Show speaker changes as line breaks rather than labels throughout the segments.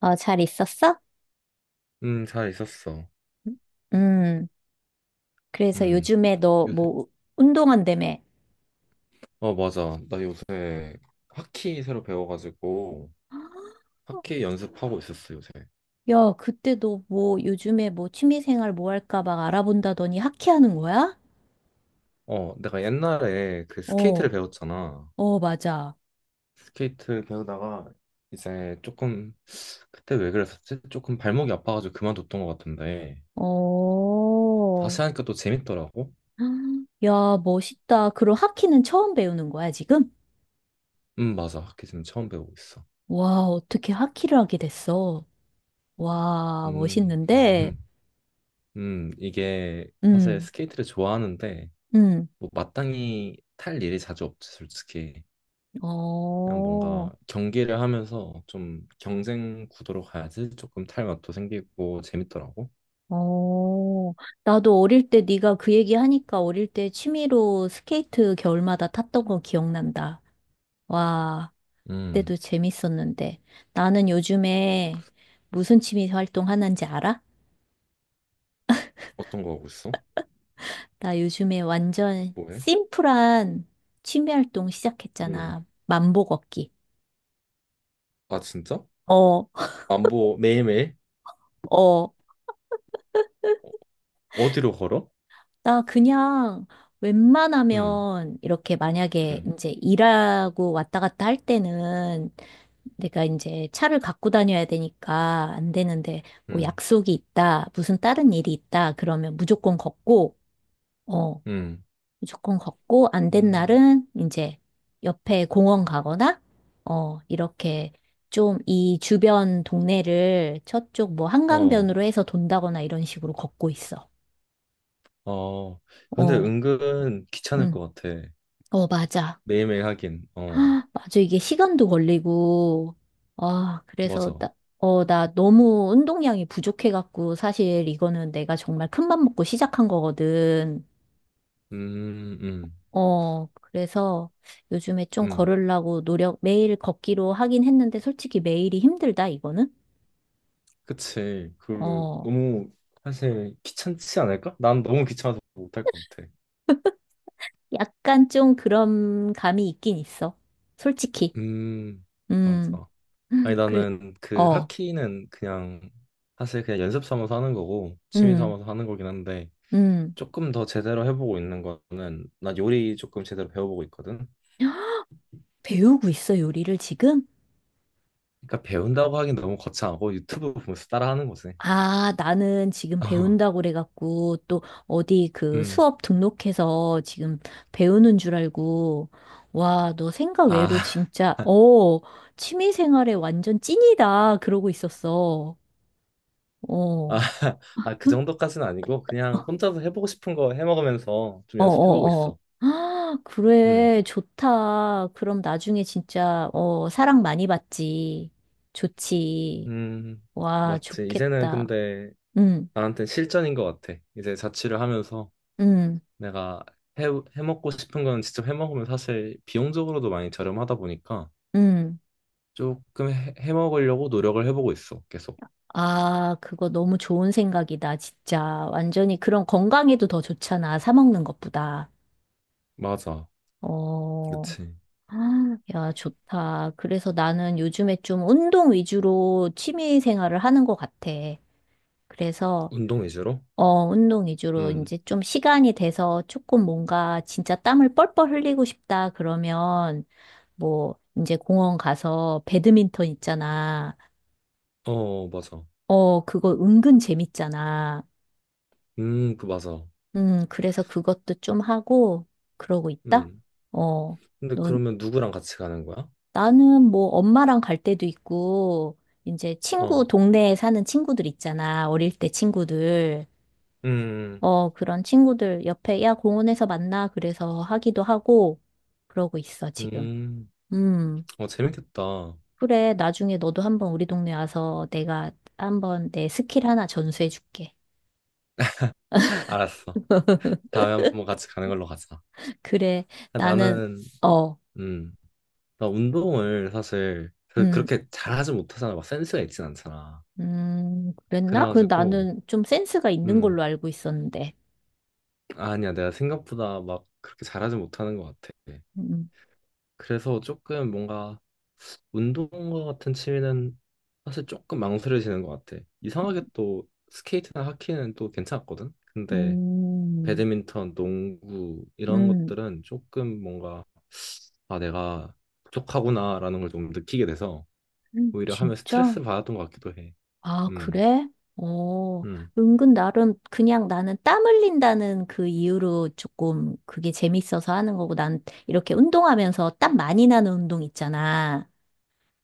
어, 잘 있었어?
잘 있었어.
음, 그래서
음,
요즘에 너
요새,
뭐, 운동한다며.
맞아. 나 요새 하키 새로 배워가지고 하키 연습하고 있었어, 요새.
야, 그때 너 뭐, 요즘에 뭐, 취미생활 뭐 할까 막 알아본다더니 하키하는 거야?
내가 옛날에 그 스케이트를
어,
배웠잖아.
어, 맞아.
스케이트 배우다가 이제 조금, 그때 왜 그랬었지? 조금 발목이 아파가지고 그만뒀던 것 같은데.
어,
다시 하니까 또 재밌더라고.
야, 멋있다. 그럼 하키는 처음 배우는 거야, 지금?
맞아. 하키 지금 처음 배우고 있어.
와, 어떻게 하키를 하게 됐어? 와,
음,
멋있는데?
이게 사실
음,
스케이트를 좋아하는데,
음,
뭐 마땅히 탈 일이 자주 없지, 솔직히. 그냥
어.
뭔가 경기를 하면서 좀 경쟁 구도로 가야지 조금 탈맛도 생기고 재밌더라고.
어, 나도 어릴 때 네가 그 얘기 하니까 어릴 때 취미로 스케이트 겨울마다 탔던 거 기억난다. 와, 그때도
음,
재밌었는데. 나는 요즘에 무슨 취미 활동 하는지 알아?
어떤 거 하고 있어?
나 요즘에 완전
뭐해?
심플한 취미 활동
음,
시작했잖아. 만보 걷기.
아 진짜?
어,
안보 매일매일?
어.
어, 어디로 걸어?
나 그냥
음,
웬만하면 이렇게 만약에
음,
이제 일하고 왔다 갔다 할 때는 내가 이제 차를 갖고 다녀야 되니까 안 되는데, 뭐
음,
약속이 있다, 무슨 다른 일이 있다 그러면 무조건 걷고, 어,
음,
무조건 걷고 안 된
음,
날은 이제 옆에 공원 가거나, 어, 이렇게 좀 이 주변 동네를 저쪽 뭐
어,
한강변으로 해서 돈다거나 이런 식으로 걷고 있어.
어. 근데
어,
은근 귀찮을
응.
것 같아.
어, 맞아.
매일매일 하긴. 어,
아, 맞아. 이게 시간도 걸리고, 아, 그래서
맞아.
나, 어, 나 너무 운동량이 부족해갖고, 사실 이거는 내가 정말 큰맘 먹고 시작한 거거든.
음, 음,
어, 그래서 요즘에 좀
음.
걸으려고 노력, 매일 걷기로 하긴 했는데, 솔직히 매일이 힘들다, 이거는.
그치. 그
어,
너무 사실 귀찮지 않을까? 난 너무 귀찮아서 못할 것 같아.
약간 좀 그런 감이 있긴 있어. 솔직히.
음,
음,
맞아. 아니,
그래,
나는 그
어,
하키는 그냥 사실 그냥 연습 삼아서 하는 거고 취미
음,
삼아서 하는 거긴 한데
음.
조금 더 제대로 해보고 있는 거는 나 요리 조금 제대로 배워보고 있거든.
배우고 있어, 요리를 지금?
그러니까 배운다고 하긴 너무 거창하고 유튜브 보면서 따라하는 거지.
아, 나는 지금
어,
배운다고 그래갖고, 또 어디 그
음,
수업 등록해서 지금 배우는 줄 알고, 와, 너 생각
아,
외로 진짜, 어, 취미 생활에 완전 찐이다. 그러고 있었어.
아,
어,
아, 그 정도까지는 아니고 그냥 혼자서 해보고 싶은 거 해먹으면서 좀
어,
연습해보고
어, 어.
있어.
아,
음,
그래, 좋다. 그럼 나중에 진짜, 어, 사랑 많이 받지. 좋지.
음,
와,
맞지. 이제는
좋겠다.
근데
응,
나한테 실전인 것 같아. 이제 자취를 하면서.
응,
내가 해, 해먹고 싶은 건 직접 해먹으면 사실 비용적으로도 많이 저렴하다 보니까
응.
조금 해먹으려고 노력을 해보고 있어, 계속.
아, 그거 너무 좋은 생각이다, 진짜. 완전히 그런 건강에도 더 좋잖아, 사 먹는 것보다.
맞아.
어,
그치.
아, 야, 좋다. 그래서 나는 요즘에 좀 운동 위주로 취미 생활을 하는 것 같아. 그래서,
운동 위주로?
어, 운동 위주로
음.
이제 좀 시간이 돼서 조금 뭔가 진짜 땀을 뻘뻘 흘리고 싶다, 그러면, 뭐, 이제 공원 가서 배드민턴 있잖아.
어, 맞아.
어, 그거 은근 재밌잖아.
맞아.
그래서 그것도 좀 하고 그러고 있다?
음.
어,
근데
넌,
그러면 누구랑 같이 가는 거야?
나는 뭐 엄마랑 갈 때도 있고, 이제 친구,
어.
동네에 사는 친구들 있잖아. 어릴 때 친구들.
음.
어, 그런 친구들 옆에, 야, 공원에서 만나. 그래서 하기도 하고, 그러고 있어, 지금.
음.
음,
어, 재밌겠다.
그래. 나중에 너도 한번 우리 동네 와서 내가 한번 내 스킬 하나 전수해 줄게.
알았어. 다음에 한번 같이 가는 걸로 가자.
그래.
아,
나는,
나는,
어,
음, 나 운동을 사실
음.
그렇게 잘하지 못하잖아. 막 센스가 있진 않잖아.
그랬나? 그
그래가지고
나는 좀 센스가 있는
음
걸로 알고 있었는데.
아니야 내가 생각보다 막 그렇게 잘하지 못하는 것 같아.
음,
그래서 조금 뭔가 운동과 같은 취미는 사실 조금 망설여지는 것 같아. 이상하게 또 스케이트나 하키는 또 괜찮았거든. 근데
음,
배드민턴, 농구 이런
음,
것들은 조금 뭔가 아 내가 부족하구나라는 걸 좀 느끼게 돼서 오히려 하면
진짜?
스트레스 받았던 것 같기도 해.
아,
음,
그래? 어,
음,
은근 나름 그냥 나는 땀 흘린다는 그 이유로 조금 그게 재밌어서 하는 거고 난 이렇게 운동하면서 땀 많이 나는 운동 있잖아.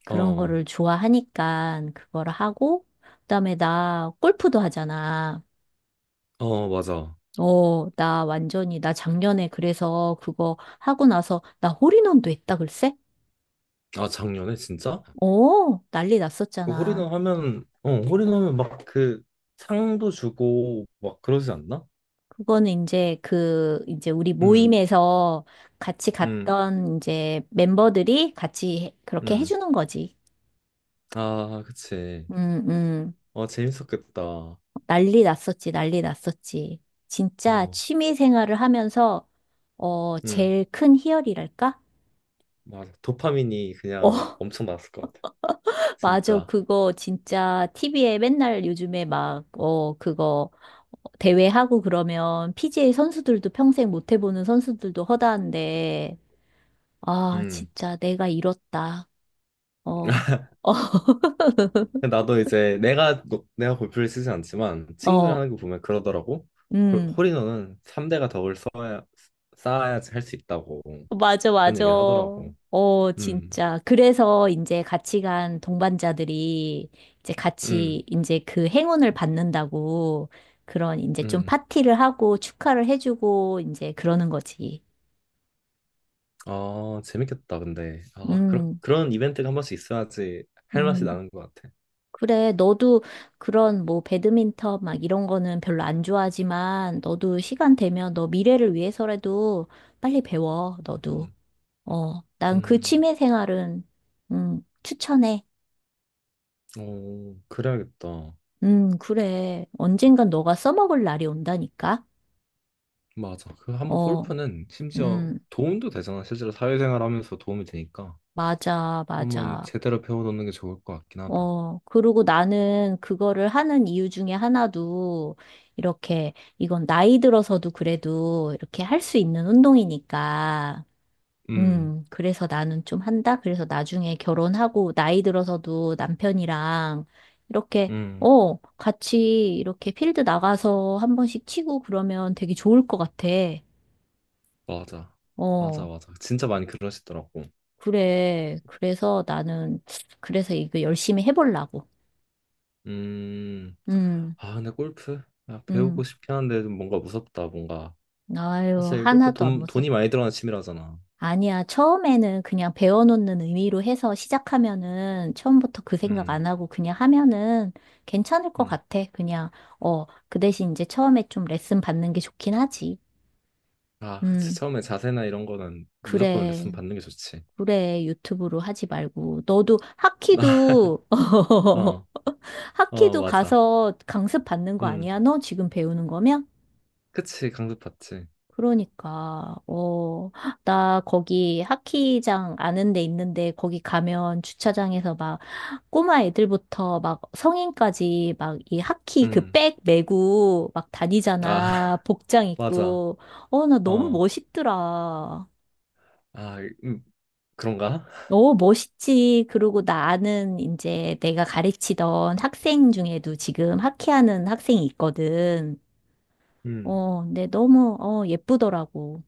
그런
어,
거를 좋아하니까 그거를 하고 그다음에 나 골프도 하잖아.
어 맞아.
어, 나 완전히, 나 작년에 그래서 그거 하고 나서 나 홀인원도 했다, 글쎄?
아 작년에 진짜?
어, 난리 났었잖아.
홀인원막그 상도 주고 막 그러지 않나?
그거는 이제 그, 이제 우리
음,
모임에서 같이
음,
갔던 이제 멤버들이 같이 그렇게
음.
해주는 거지.
아, 그치.
음, 음.
어, 재밌었겠다. 어,
난리 났었지, 난리 났었지. 진짜 취미 생활을 하면서, 어,
음,
제일 큰 희열이랄까?
맞아. 도파민이 그냥
어,
엄청 나왔을 것 같아.
맞아.
진짜.
그거 진짜 TV에 맨날 요즘에 막, 어, 그거 대회하고 그러면 PGA 선수들도 평생 못 해보는 선수들도 허다한데, 아,
음.
진짜 내가 이렇다. 어, 어,
근데 나도 이제 내가, 노- 내가 골프를 쓰지 않지만 친구들
어,
하는 거 보면 그러더라고.
음,
홀인원은 3대가 덕을 쌓아야, 쌓아야지 할 수 있다고.
맞아,
그런
맞아.
얘기를 하더라고.
어,
음,
진짜. 그래서 이제 같이 간 동반자들이 이제
음,
같이 이제 그 행운을 받는다고 그런 이제 좀
음.
파티를 하고 축하를 해주고 이제 그러는 거지.
아, 재밌겠다, 근데. 아,
음.
그런 이벤트가 한 번씩 있어야지 할 맛이
음,
나는 것 같아.
그래. 너도 그런 뭐 배드민턴 막 이런 거는 별로 안 좋아하지만 너도 시간 되면 너 미래를 위해서라도 빨리 배워. 너도.
음,
어, 난 그
음,
취미 생활은 추천해.
어, 그래야겠다.
그래. 언젠간 너가 써먹을 날이 온다니까.
맞아. 그 한 번
어,
골프는 심지어
음,
도움도 되잖아. 실제로 사회생활 하면서 도움이 되니까.
맞아,
한번
맞아.
제대로 배워놓는 게 좋을 것 같긴 하다.
어, 그리고 나는 그거를 하는 이유 중에 하나도 이렇게 이건 나이 들어서도 그래도 이렇게 할 수 있는 운동이니까.
음,
그래서 나는 좀 한다. 그래서 나중에 결혼하고 나이 들어서도 남편이랑 이렇게
음,
어, 같이 이렇게 필드 나가서 한 번씩 치고 그러면 되게 좋을 것 같아.
맞아. 맞아,
어,
맞아. 진짜 많이 그러시더라고.
그래. 그래서 나는 그래서 이거 열심히 해보려고.
음,
음,
아, 근데 골프? 아, 배우고
음.
싶긴 한데 좀 뭔가 무섭다, 뭔가.
아유,
사실 골프
하나도 안 무서워.
돈이 많이 들어가는 취미라잖아.
아니야, 처음에는 그냥 배워놓는 의미로 해서 시작하면은 처음부터 그 생각
음.
안 하고 그냥 하면은 괜찮을 것
음.
같아. 그냥, 어, 그 대신 이제 처음에 좀 레슨 받는 게 좋긴 하지.
아, 그치.
음,
처음에 자세나 이런 거는 무조건 레슨
그래.
받는 게 좋지.
그래, 유튜브로 하지 말고. 너도 하키도,
어, 어,
하키도
맞아.
가서 강습 받는 거
음,
아니야? 너 지금 배우는 거면?
그치. 강습받지.
그러니까, 어, 나 거기 하키장 아는 데 있는데 거기 가면 주차장에서 막 꼬마 애들부터 막 성인까지 막 이 하키 그
음,
백 메고 막
아,
다니잖아. 복장
맞아.
입고. 어, 나 너무
어,
멋있더라.
아, 음, 그런가?
어, 멋있지. 그리고 나 아는 이제 내가 가르치던 학생 중에도 지금 하키하는 학생이 있거든.
음,
어, 근데 너무, 어, 예쁘더라고.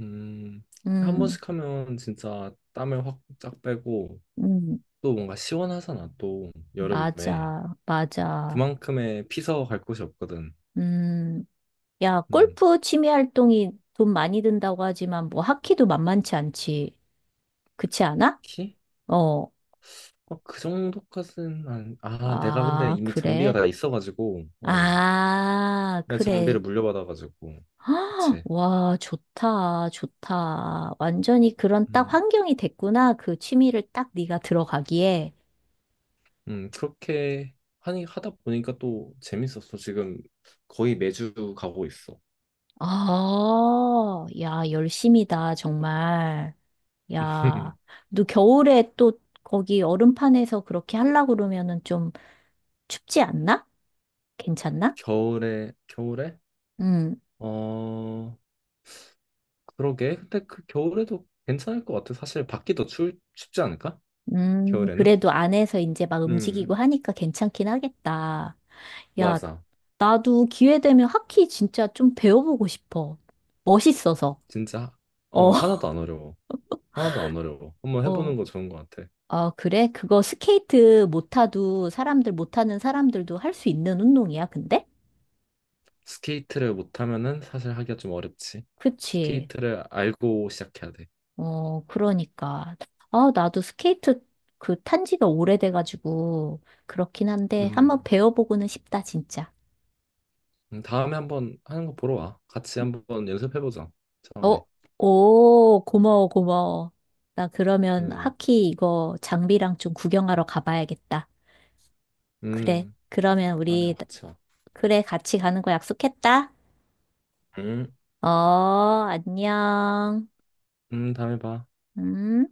음, 한
음,
번씩 하면 진짜 땀을 확 쫙 빼고
음.
또 뭔가 시원하잖아. 또 여름에
맞아, 맞아.
그만큼의 피서 갈 곳이 없거든.
음, 야,
음,
골프 취미 활동이 돈 많이 든다고 하지만 뭐 하키도 만만치 않지. 그렇지 않아?
키?
어.
어, 그 정도까지는 안, 아, 내가 근데
아,
이미 장비가
그래.
다 있어가지고, 어.
아,
내
그래.
장비를 물려받아가지고
헉,
그치
와, 좋다, 좋다. 완전히 그런 딱
음,
환경이 됐구나. 그 취미를 딱 네가 들어가기에.
그렇게 하니 하다 보니까 또 재밌었어 지금 거의 매주 가고 있어
아, 야, 열심이다, 정말. 야, 너 겨울에 또 거기 얼음판에서 그렇게 하려고 그러면은 좀 춥지 않나? 괜찮나?
겨울에
음,
어 그러게 근데 그 겨울에도 괜찮을 것 같아 사실 밖이 더 추울 춥지 않을까 겨울에는
그래도 안에서 이제 막
음
움직이고 하니까 괜찮긴 하겠다. 야,
맞아
나도 기회 되면 하키 진짜 좀 배워보고 싶어. 멋있어서.
진짜
어,
어 하나도 안 어려워 하나도 안 어려워 한번 해보는
어.
거 좋은 것 같아
아, 그래? 그거 스케이트 못 타도 사람들 못 타는 사람들도 할 수 있는 운동이야, 근데?
스케이트를 못하면은 사실 하기가 좀 어렵지
그치.
스케이트를 알고 시작해야 돼
어, 그러니까. 아, 나도 스케이트 그 탄 지가 오래돼가지고, 그렇긴 한데, 한번
음.
배워보고는 싶다, 진짜.
다음에 한번 하는 거 보러 와. 같이 한번 연습해보자.
어,
처음에.
오, 고마워, 고마워. 나 그러면
음,
하키 이거 장비랑 좀 구경하러 가봐야겠다. 그래.
음,
그러면
다음에 와,
우리,
같이 와.
그래, 같이 가는 거 약속했다.
음,
어, 안녕.
다음에 봐.
음.